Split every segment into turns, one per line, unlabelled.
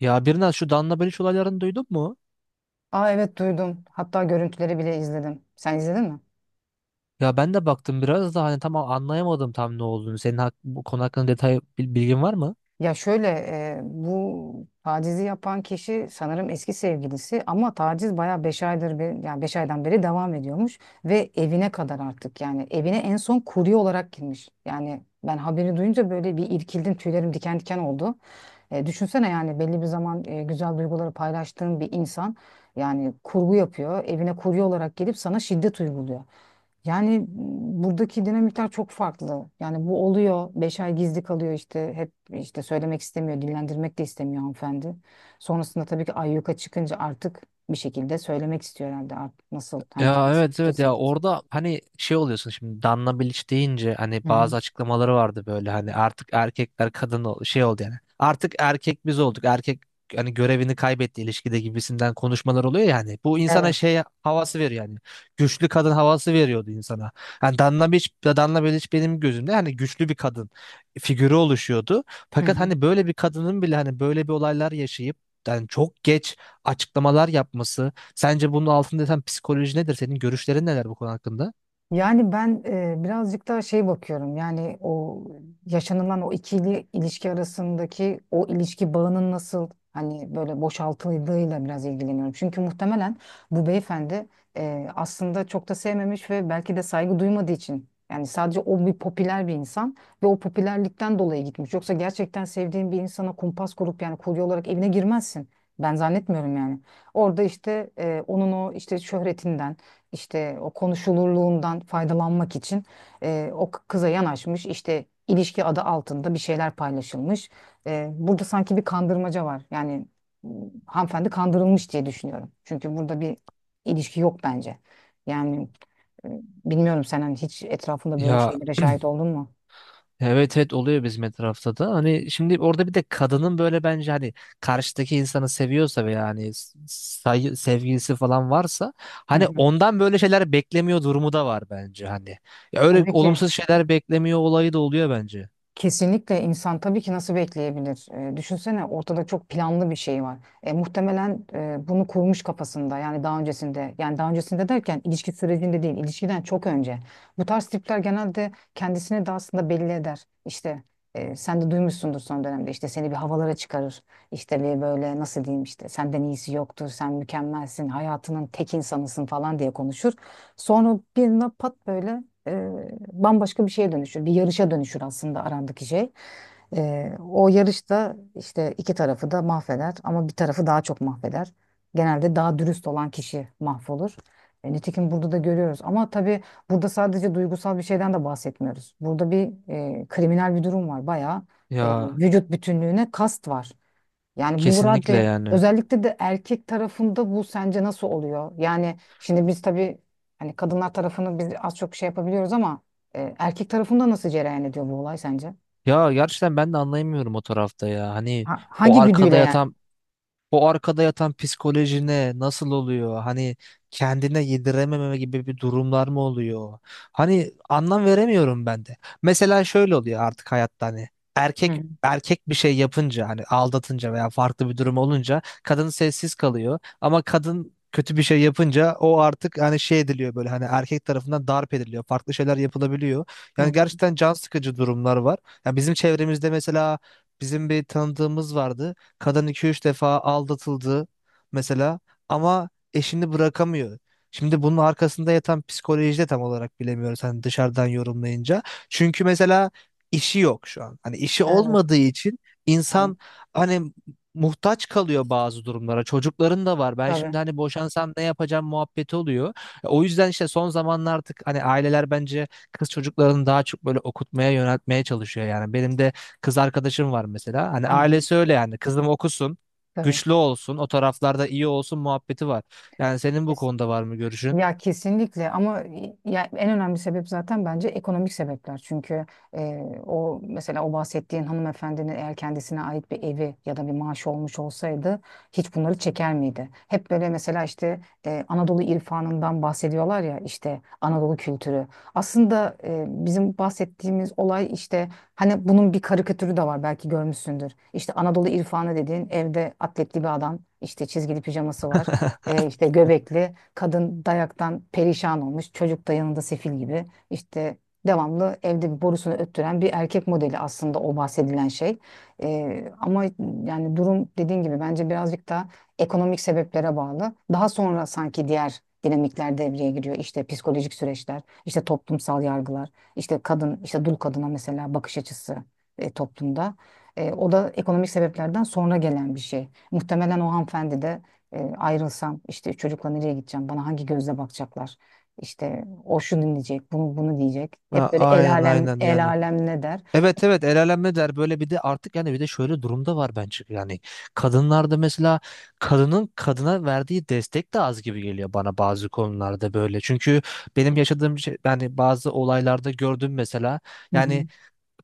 Ya biraz şu Danla Baliç olaylarını duydun mu?
Aa evet duydum. Hatta görüntüleri bile izledim. Sen izledin mi?
Ya ben de baktım biraz da hani tam anlayamadım tam ne olduğunu. Senin hak, bu konu hakkında detay bilgin var mı?
Ya şöyle, bu tacizi yapan kişi sanırım eski sevgilisi ama taciz bayağı 5 aydır yani 5 aydan beri devam ediyormuş ve evine kadar artık yani evine en son kurye olarak girmiş. Yani ben haberi duyunca böyle bir irkildim, tüylerim diken diken oldu. Düşünsene yani belli bir zaman güzel duyguları paylaştığın bir insan yani kurgu yapıyor, evine kurye olarak gelip sana şiddet uyguluyor. Yani buradaki dinamikler çok farklı. Yani bu oluyor. 5 ay gizli kalıyor işte. Hep işte söylemek istemiyor, dillendirmek de istemiyor hanımefendi. Sonrasında tabii ki ayyuka çıkınca artık bir şekilde söylemek istiyor herhalde. Artık nasıl, hani
Ya
kendisi
evet
kötü
evet ya
hissedince.
orada hani şey oluyorsun şimdi Danla Bilic deyince
Hı
hani
hı.
bazı açıklamaları vardı böyle hani artık erkekler şey oldu yani. Artık erkek biz olduk. Erkek hani görevini kaybetti ilişkide gibisinden konuşmalar oluyor yani. Bu insana
Evet.
şey havası veriyor yani. Güçlü kadın havası veriyordu insana. Yani Danla Bilic, Danla Bilic benim gözümde hani güçlü bir kadın figürü oluşuyordu.
Hı
Fakat
hı.
hani böyle bir kadının bile hani böyle bir olaylar yaşayıp yani çok geç açıklamalar yapması. Sence bunun altında yatan psikoloji nedir? Senin görüşlerin neler bu konu hakkında?
Yani ben birazcık daha şey bakıyorum. Yani o yaşanılan o ikili ilişki arasındaki o ilişki bağının nasıl hani böyle boşaltıldığıyla biraz ilgileniyorum. Çünkü muhtemelen bu beyefendi aslında çok da sevmemiş ve belki de saygı duymadığı için yani sadece o bir popüler bir insan ve o popülerlikten dolayı gitmiş. Yoksa gerçekten sevdiğin bir insana kumpas kurup yani kurye olarak evine girmezsin. Ben zannetmiyorum yani. Orada işte onun o işte şöhretinden işte o konuşulurluğundan faydalanmak için o kıza yanaşmış, işte ilişki adı altında bir şeyler paylaşılmış. Burada sanki bir kandırmaca var. Yani m, hanımefendi kandırılmış diye düşünüyorum. Çünkü burada bir ilişki yok bence. Yani e, bilmiyorum, sen hani hiç etrafında böyle
Ya
şeylere şahit oldun mu?
evet oluyor bizim etrafta da. Hani şimdi orada bir de kadının böyle bence hani karşıdaki insanı seviyorsa veya hani sevgilisi falan varsa
Hı
hani
hı.
ondan böyle şeyler beklemiyor durumu da var bence hani. Ya öyle
Tabii ki.
olumsuz şeyler beklemiyor olayı da oluyor bence.
Kesinlikle insan tabii ki nasıl bekleyebilir? Düşünsene ortada çok planlı bir şey var. Muhtemelen bunu kurmuş kafasında yani daha öncesinde. Yani daha öncesinde derken ilişki sürecinde değil, ilişkiden çok önce. Bu tarz tipler genelde kendisini de aslında belli eder. İşte sen de duymuşsundur, son dönemde işte seni bir havalara çıkarır. İşte bir böyle nasıl diyeyim, işte senden iyisi yoktur, sen mükemmelsin, hayatının tek insanısın falan diye konuşur. Sonra bir anda pat böyle bambaşka bir şeye dönüşür. Bir yarışa dönüşür aslında arandaki şey. O yarışta işte iki tarafı da mahveder ama bir tarafı daha çok mahveder. Genelde daha dürüst olan kişi mahvolur. Nitekim burada da görüyoruz. Ama tabii burada sadece duygusal bir şeyden de bahsetmiyoruz. Burada bir kriminal bir durum var. Bayağı
Ya
vücut bütünlüğüne kast var. Yani bu
kesinlikle
radde
yani.
özellikle de erkek tarafında bu sence nasıl oluyor? Yani şimdi biz tabii hani kadınlar tarafını biz az çok şey yapabiliyoruz ama erkek tarafında nasıl cereyan ediyor bu olay sence?
Ya gerçekten ben de anlayamıyorum o tarafta ya. Hani
Ha-
o
hangi güdüyle
arkada
yani?
yatan o arkada yatan psikolojine nasıl oluyor? Hani kendine yedirememe gibi bir durumlar mı oluyor? Hani anlam veremiyorum ben de. Mesela şöyle oluyor artık hayatta hani
Hı
erkek
hı.
erkek bir şey yapınca hani aldatınca veya farklı bir durum olunca kadın sessiz kalıyor ama kadın kötü bir şey yapınca o artık hani şey ediliyor böyle hani erkek tarafından darp ediliyor. Farklı şeyler yapılabiliyor.
Hı
Yani
hı.
gerçekten can sıkıcı durumlar var. Yani bizim çevremizde mesela bizim bir tanıdığımız vardı. Kadın iki üç defa aldatıldı mesela ama eşini bırakamıyor. Şimdi bunun arkasında yatan psikoloji de tam olarak bilemiyoruz hani dışarıdan yorumlayınca. Çünkü mesela işi yok şu an. Hani işi
Evet,
olmadığı için
tabii,
insan hani muhtaç kalıyor bazı durumlara. Çocukların da var. Ben
tabii.
şimdi hani boşansam ne yapacağım muhabbeti oluyor. O yüzden işte son zamanlar artık hani aileler bence kız çocuklarını daha çok böyle okutmaya yöneltmeye çalışıyor yani. Benim de kız arkadaşım var mesela. Hani
Hı hı.
ailesi öyle yani. Kızım okusun,
Tabii.
güçlü olsun, o taraflarda iyi olsun muhabbeti var. Yani senin bu konuda var mı görüşün?
Ya kesinlikle ama ya en önemli sebep zaten bence ekonomik sebepler. Çünkü o mesela o bahsettiğin hanımefendinin eğer kendisine ait bir evi ya da bir maaşı olmuş olsaydı hiç bunları çeker miydi? Hep böyle mesela işte Anadolu irfanından bahsediyorlar ya, işte Anadolu kültürü. Aslında bizim bahsettiğimiz olay işte, hani bunun bir karikatürü de var, belki görmüşsündür. İşte Anadolu irfanı dediğin evde atletli bir adam, işte çizgili pijaması var. E, işte göbekli. Kadın dayaktan perişan olmuş. Çocuk da yanında sefil gibi. İşte devamlı evde bir borusunu öttüren bir erkek modeli aslında o bahsedilen şey. Ama yani durum dediğin gibi bence birazcık da ekonomik sebeplere bağlı. Daha sonra sanki diğer dinamikler devreye giriyor. İşte psikolojik süreçler, işte toplumsal yargılar, işte kadın, işte dul kadına mesela bakış açısı toplumda. O da ekonomik sebeplerden sonra gelen bir şey. Muhtemelen o hanımefendi de ayrılsam işte çocukla nereye gideceğim? Bana hangi gözle bakacaklar? İşte o şunu diyecek, bunu bunu diyecek.
Ha,
Hep böyle el
aynen
alem
aynen
el
yani.
alem ne der?
Evet el alem der böyle bir de artık yani bir de şöyle durumda var bence yani kadınlarda mesela kadının kadına verdiği destek de az gibi geliyor bana bazı konularda böyle çünkü benim yaşadığım şey yani bazı olaylarda gördüm mesela yani
Hı.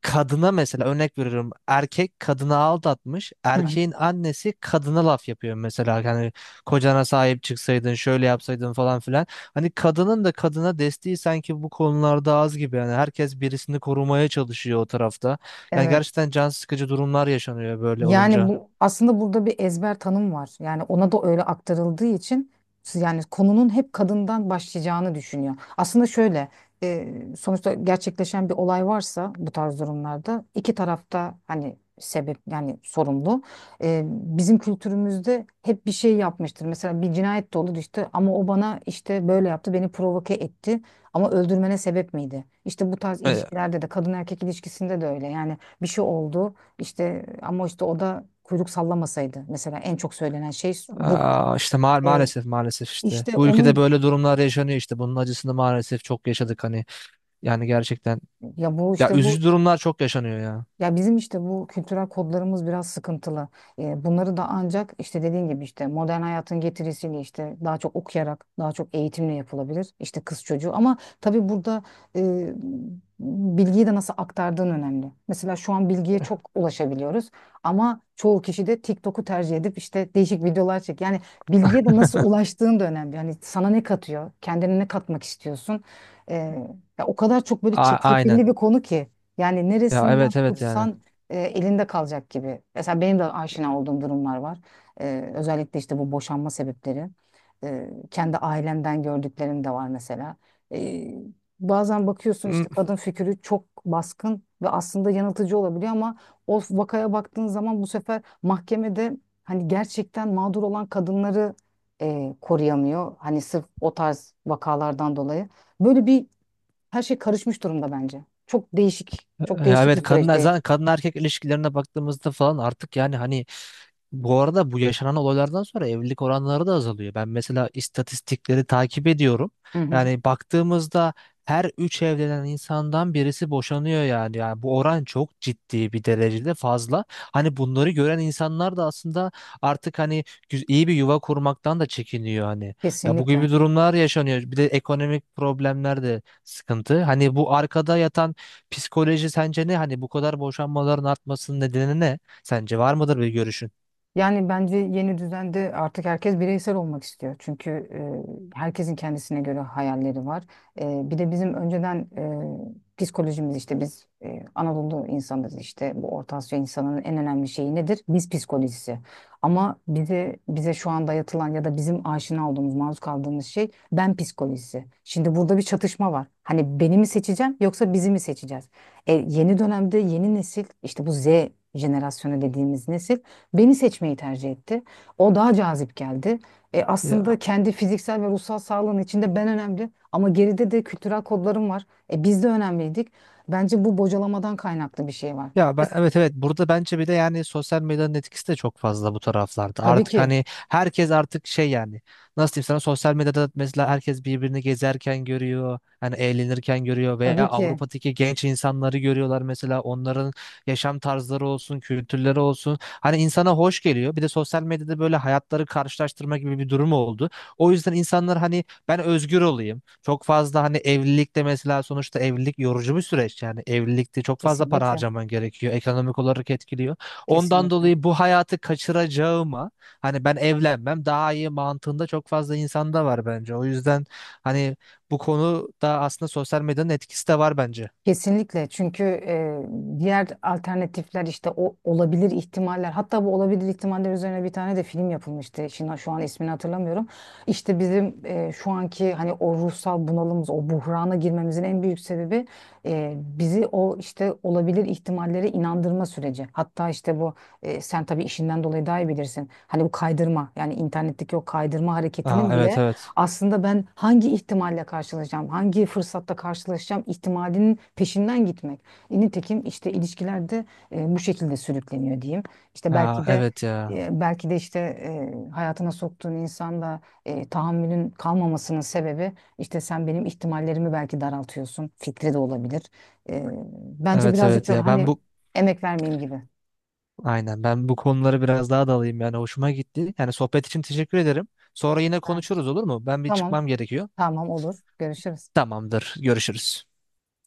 kadına mesela örnek veriyorum erkek kadını aldatmış
Hı hı.
erkeğin annesi kadına laf yapıyor mesela hani kocana sahip çıksaydın şöyle yapsaydın falan filan hani kadının da kadına desteği sanki bu konularda az gibi yani herkes birisini korumaya çalışıyor o tarafta yani
Evet.
gerçekten can sıkıcı durumlar yaşanıyor böyle
Yani
olunca.
bu aslında burada bir ezber tanım var. Yani ona da öyle aktarıldığı için yani konunun hep kadından başlayacağını düşünüyor. Aslında şöyle e, sonuçta gerçekleşen bir olay varsa bu tarz durumlarda iki tarafta hani sebep yani sorumlu. Bizim kültürümüzde hep bir şey yapmıştır. Mesela bir cinayet de olur işte ama o bana işte böyle yaptı, beni provoke etti ama öldürmene sebep miydi? İşte bu tarz
E,
ilişkilerde de, kadın erkek ilişkisinde de öyle yani bir şey oldu. İşte ama işte o da kuyruk sallamasaydı. Mesela en çok söylenen şey budur.
Aa, işte
E,
maalesef işte
işte
bu ülkede
onun
böyle durumlar yaşanıyor işte bunun acısını maalesef çok yaşadık hani yani gerçekten
ya bu
ya
işte bu
üzücü durumlar çok yaşanıyor ya.
Ya bizim işte bu kültürel kodlarımız biraz sıkıntılı. Bunları da ancak işte dediğin gibi işte modern hayatın getirisiyle işte daha çok okuyarak, daha çok eğitimle yapılabilir. İşte kız çocuğu ama tabii burada e, bilgiyi de nasıl aktardığın önemli. Mesela şu an bilgiye çok ulaşabiliyoruz ama çoğu kişi de TikTok'u tercih edip işte değişik videolar çek. Yani bilgiye de nasıl ulaştığın da önemli. Yani sana ne katıyor, kendine ne katmak istiyorsun? Ee, ya o kadar çok böyle
Aynen.
çetrefilli bir konu ki. Yani
Ya
neresinden, evet,
evet yani.
tutsan elinde kalacak gibi. Mesela benim de aşina olduğum durumlar var. Özellikle işte bu boşanma sebepleri. Kendi ailemden gördüklerim de var mesela. E, bazen bakıyorsun işte
Hı.
kadın fikri çok baskın ve aslında yanıltıcı olabiliyor ama o vakaya baktığın zaman bu sefer mahkemede hani gerçekten mağdur olan kadınları koruyamıyor. Hani sırf o tarz vakalardan dolayı. Böyle bir her şey karışmış durumda bence. Çok değişik, çok
Ya
değişik bir
evet kadın
süreçte.
zaten kadın erkek ilişkilerine baktığımızda falan artık yani hani bu arada bu yaşanan olaylardan sonra evlilik oranları da azalıyor. Ben mesela istatistikleri takip ediyorum.
Hı hı,
Yani baktığımızda her üç evlenen insandan birisi boşanıyor yani. Yani bu oran çok ciddi bir derecede fazla. Hani bunları gören insanlar da aslında artık hani iyi bir yuva kurmaktan da çekiniyor hani. Ya bu
kesinlikle.
gibi durumlar yaşanıyor. Bir de ekonomik problemler de sıkıntı. Hani bu arkada yatan psikoloji sence ne? Hani bu kadar boşanmaların artmasının nedeni ne? Sence var mıdır bir görüşün?
Yani bence yeni düzende artık herkes bireysel olmak istiyor. Çünkü herkesin kendisine göre hayalleri var. Bir de bizim önceden psikolojimiz işte biz Anadolu insanız, işte bu Orta Asya insanının en önemli şeyi nedir? Biz psikolojisi. Ama bize şu an dayatılan ya da bizim aşina olduğumuz, maruz kaldığımız şey ben psikolojisi. Şimdi burada bir çatışma var. Hani beni mi seçeceğim yoksa bizi mi seçeceğiz? Yeni dönemde yeni nesil işte bu Z jenerasyonu dediğimiz nesil beni seçmeyi tercih etti. O daha cazip geldi. Aslında
Ya,
kendi fiziksel ve ruhsal sağlığın içinde ben önemli ama geride de kültürel kodlarım var. Biz de önemliydik. Bence bu bocalamadan kaynaklı bir şey var.
ya ben
Mes-
evet burada bence bir de yani sosyal medyanın etkisi de çok fazla bu taraflarda.
Tabii
Artık
ki,
hani herkes artık şey yani nasıl diyeyim sana sosyal medyada mesela herkes birbirini gezerken görüyor. Hani eğlenirken görüyor veya
tabii ki.
Avrupa'daki genç insanları görüyorlar mesela onların yaşam tarzları olsun, kültürleri olsun. Hani insana hoş geliyor. Bir de sosyal medyada böyle hayatları karşılaştırma gibi bir durum oldu. O yüzden insanlar hani ben özgür olayım. Çok fazla hani evlilikte mesela sonuçta evlilik yorucu bir süreç. Yani evlilikte çok fazla para
Kesinlikle,
harcaman gerekiyor. Ekonomik olarak etkiliyor. Ondan
kesinlikle.
dolayı bu hayatı kaçıracağıma hani ben evlenmem daha iyi mantığında çok fazla insanda var bence. O yüzden hani bu konuda aslında sosyal medyanın etkisi de var bence.
Kesinlikle çünkü diğer alternatifler işte o olabilir ihtimaller, hatta bu olabilir ihtimaller üzerine bir tane de film yapılmıştı. Şimdi şu an ismini hatırlamıyorum. İşte bizim şu anki hani o ruhsal bunalımız, o buhrana girmemizin en büyük sebebi bizi o işte olabilir ihtimallere inandırma süreci. Hatta işte bu sen tabii işinden dolayı daha iyi bilirsin. Hani bu kaydırma yani internetteki o kaydırma
Aa,
hareketinin
evet
bile
evet.
aslında ben hangi ihtimalle karşılaşacağım, hangi fırsatta karşılaşacağım ihtimalinin peşinden gitmek. Nitekim işte ilişkilerde bu şekilde sürükleniyor diyeyim. İşte
Aa,
belki de
evet ya.
belki de işte hayatına soktuğun insanda tahammülün kalmamasının sebebi işte sen benim ihtimallerimi belki daraltıyorsun. Fikri de olabilir. E, bence
Evet
birazcık
evet
da
ya. Ben
hani
bu
emek vermeyeyim gibi.
Aynen ben bu konuları biraz daha dalayım yani hoşuma gitti. Yani sohbet için teşekkür ederim. Sonra yine
Ha,
konuşuruz olur mu? Ben bir
tamam,
çıkmam gerekiyor.
tamam olur. Görüşürüz.
Tamamdır. Görüşürüz.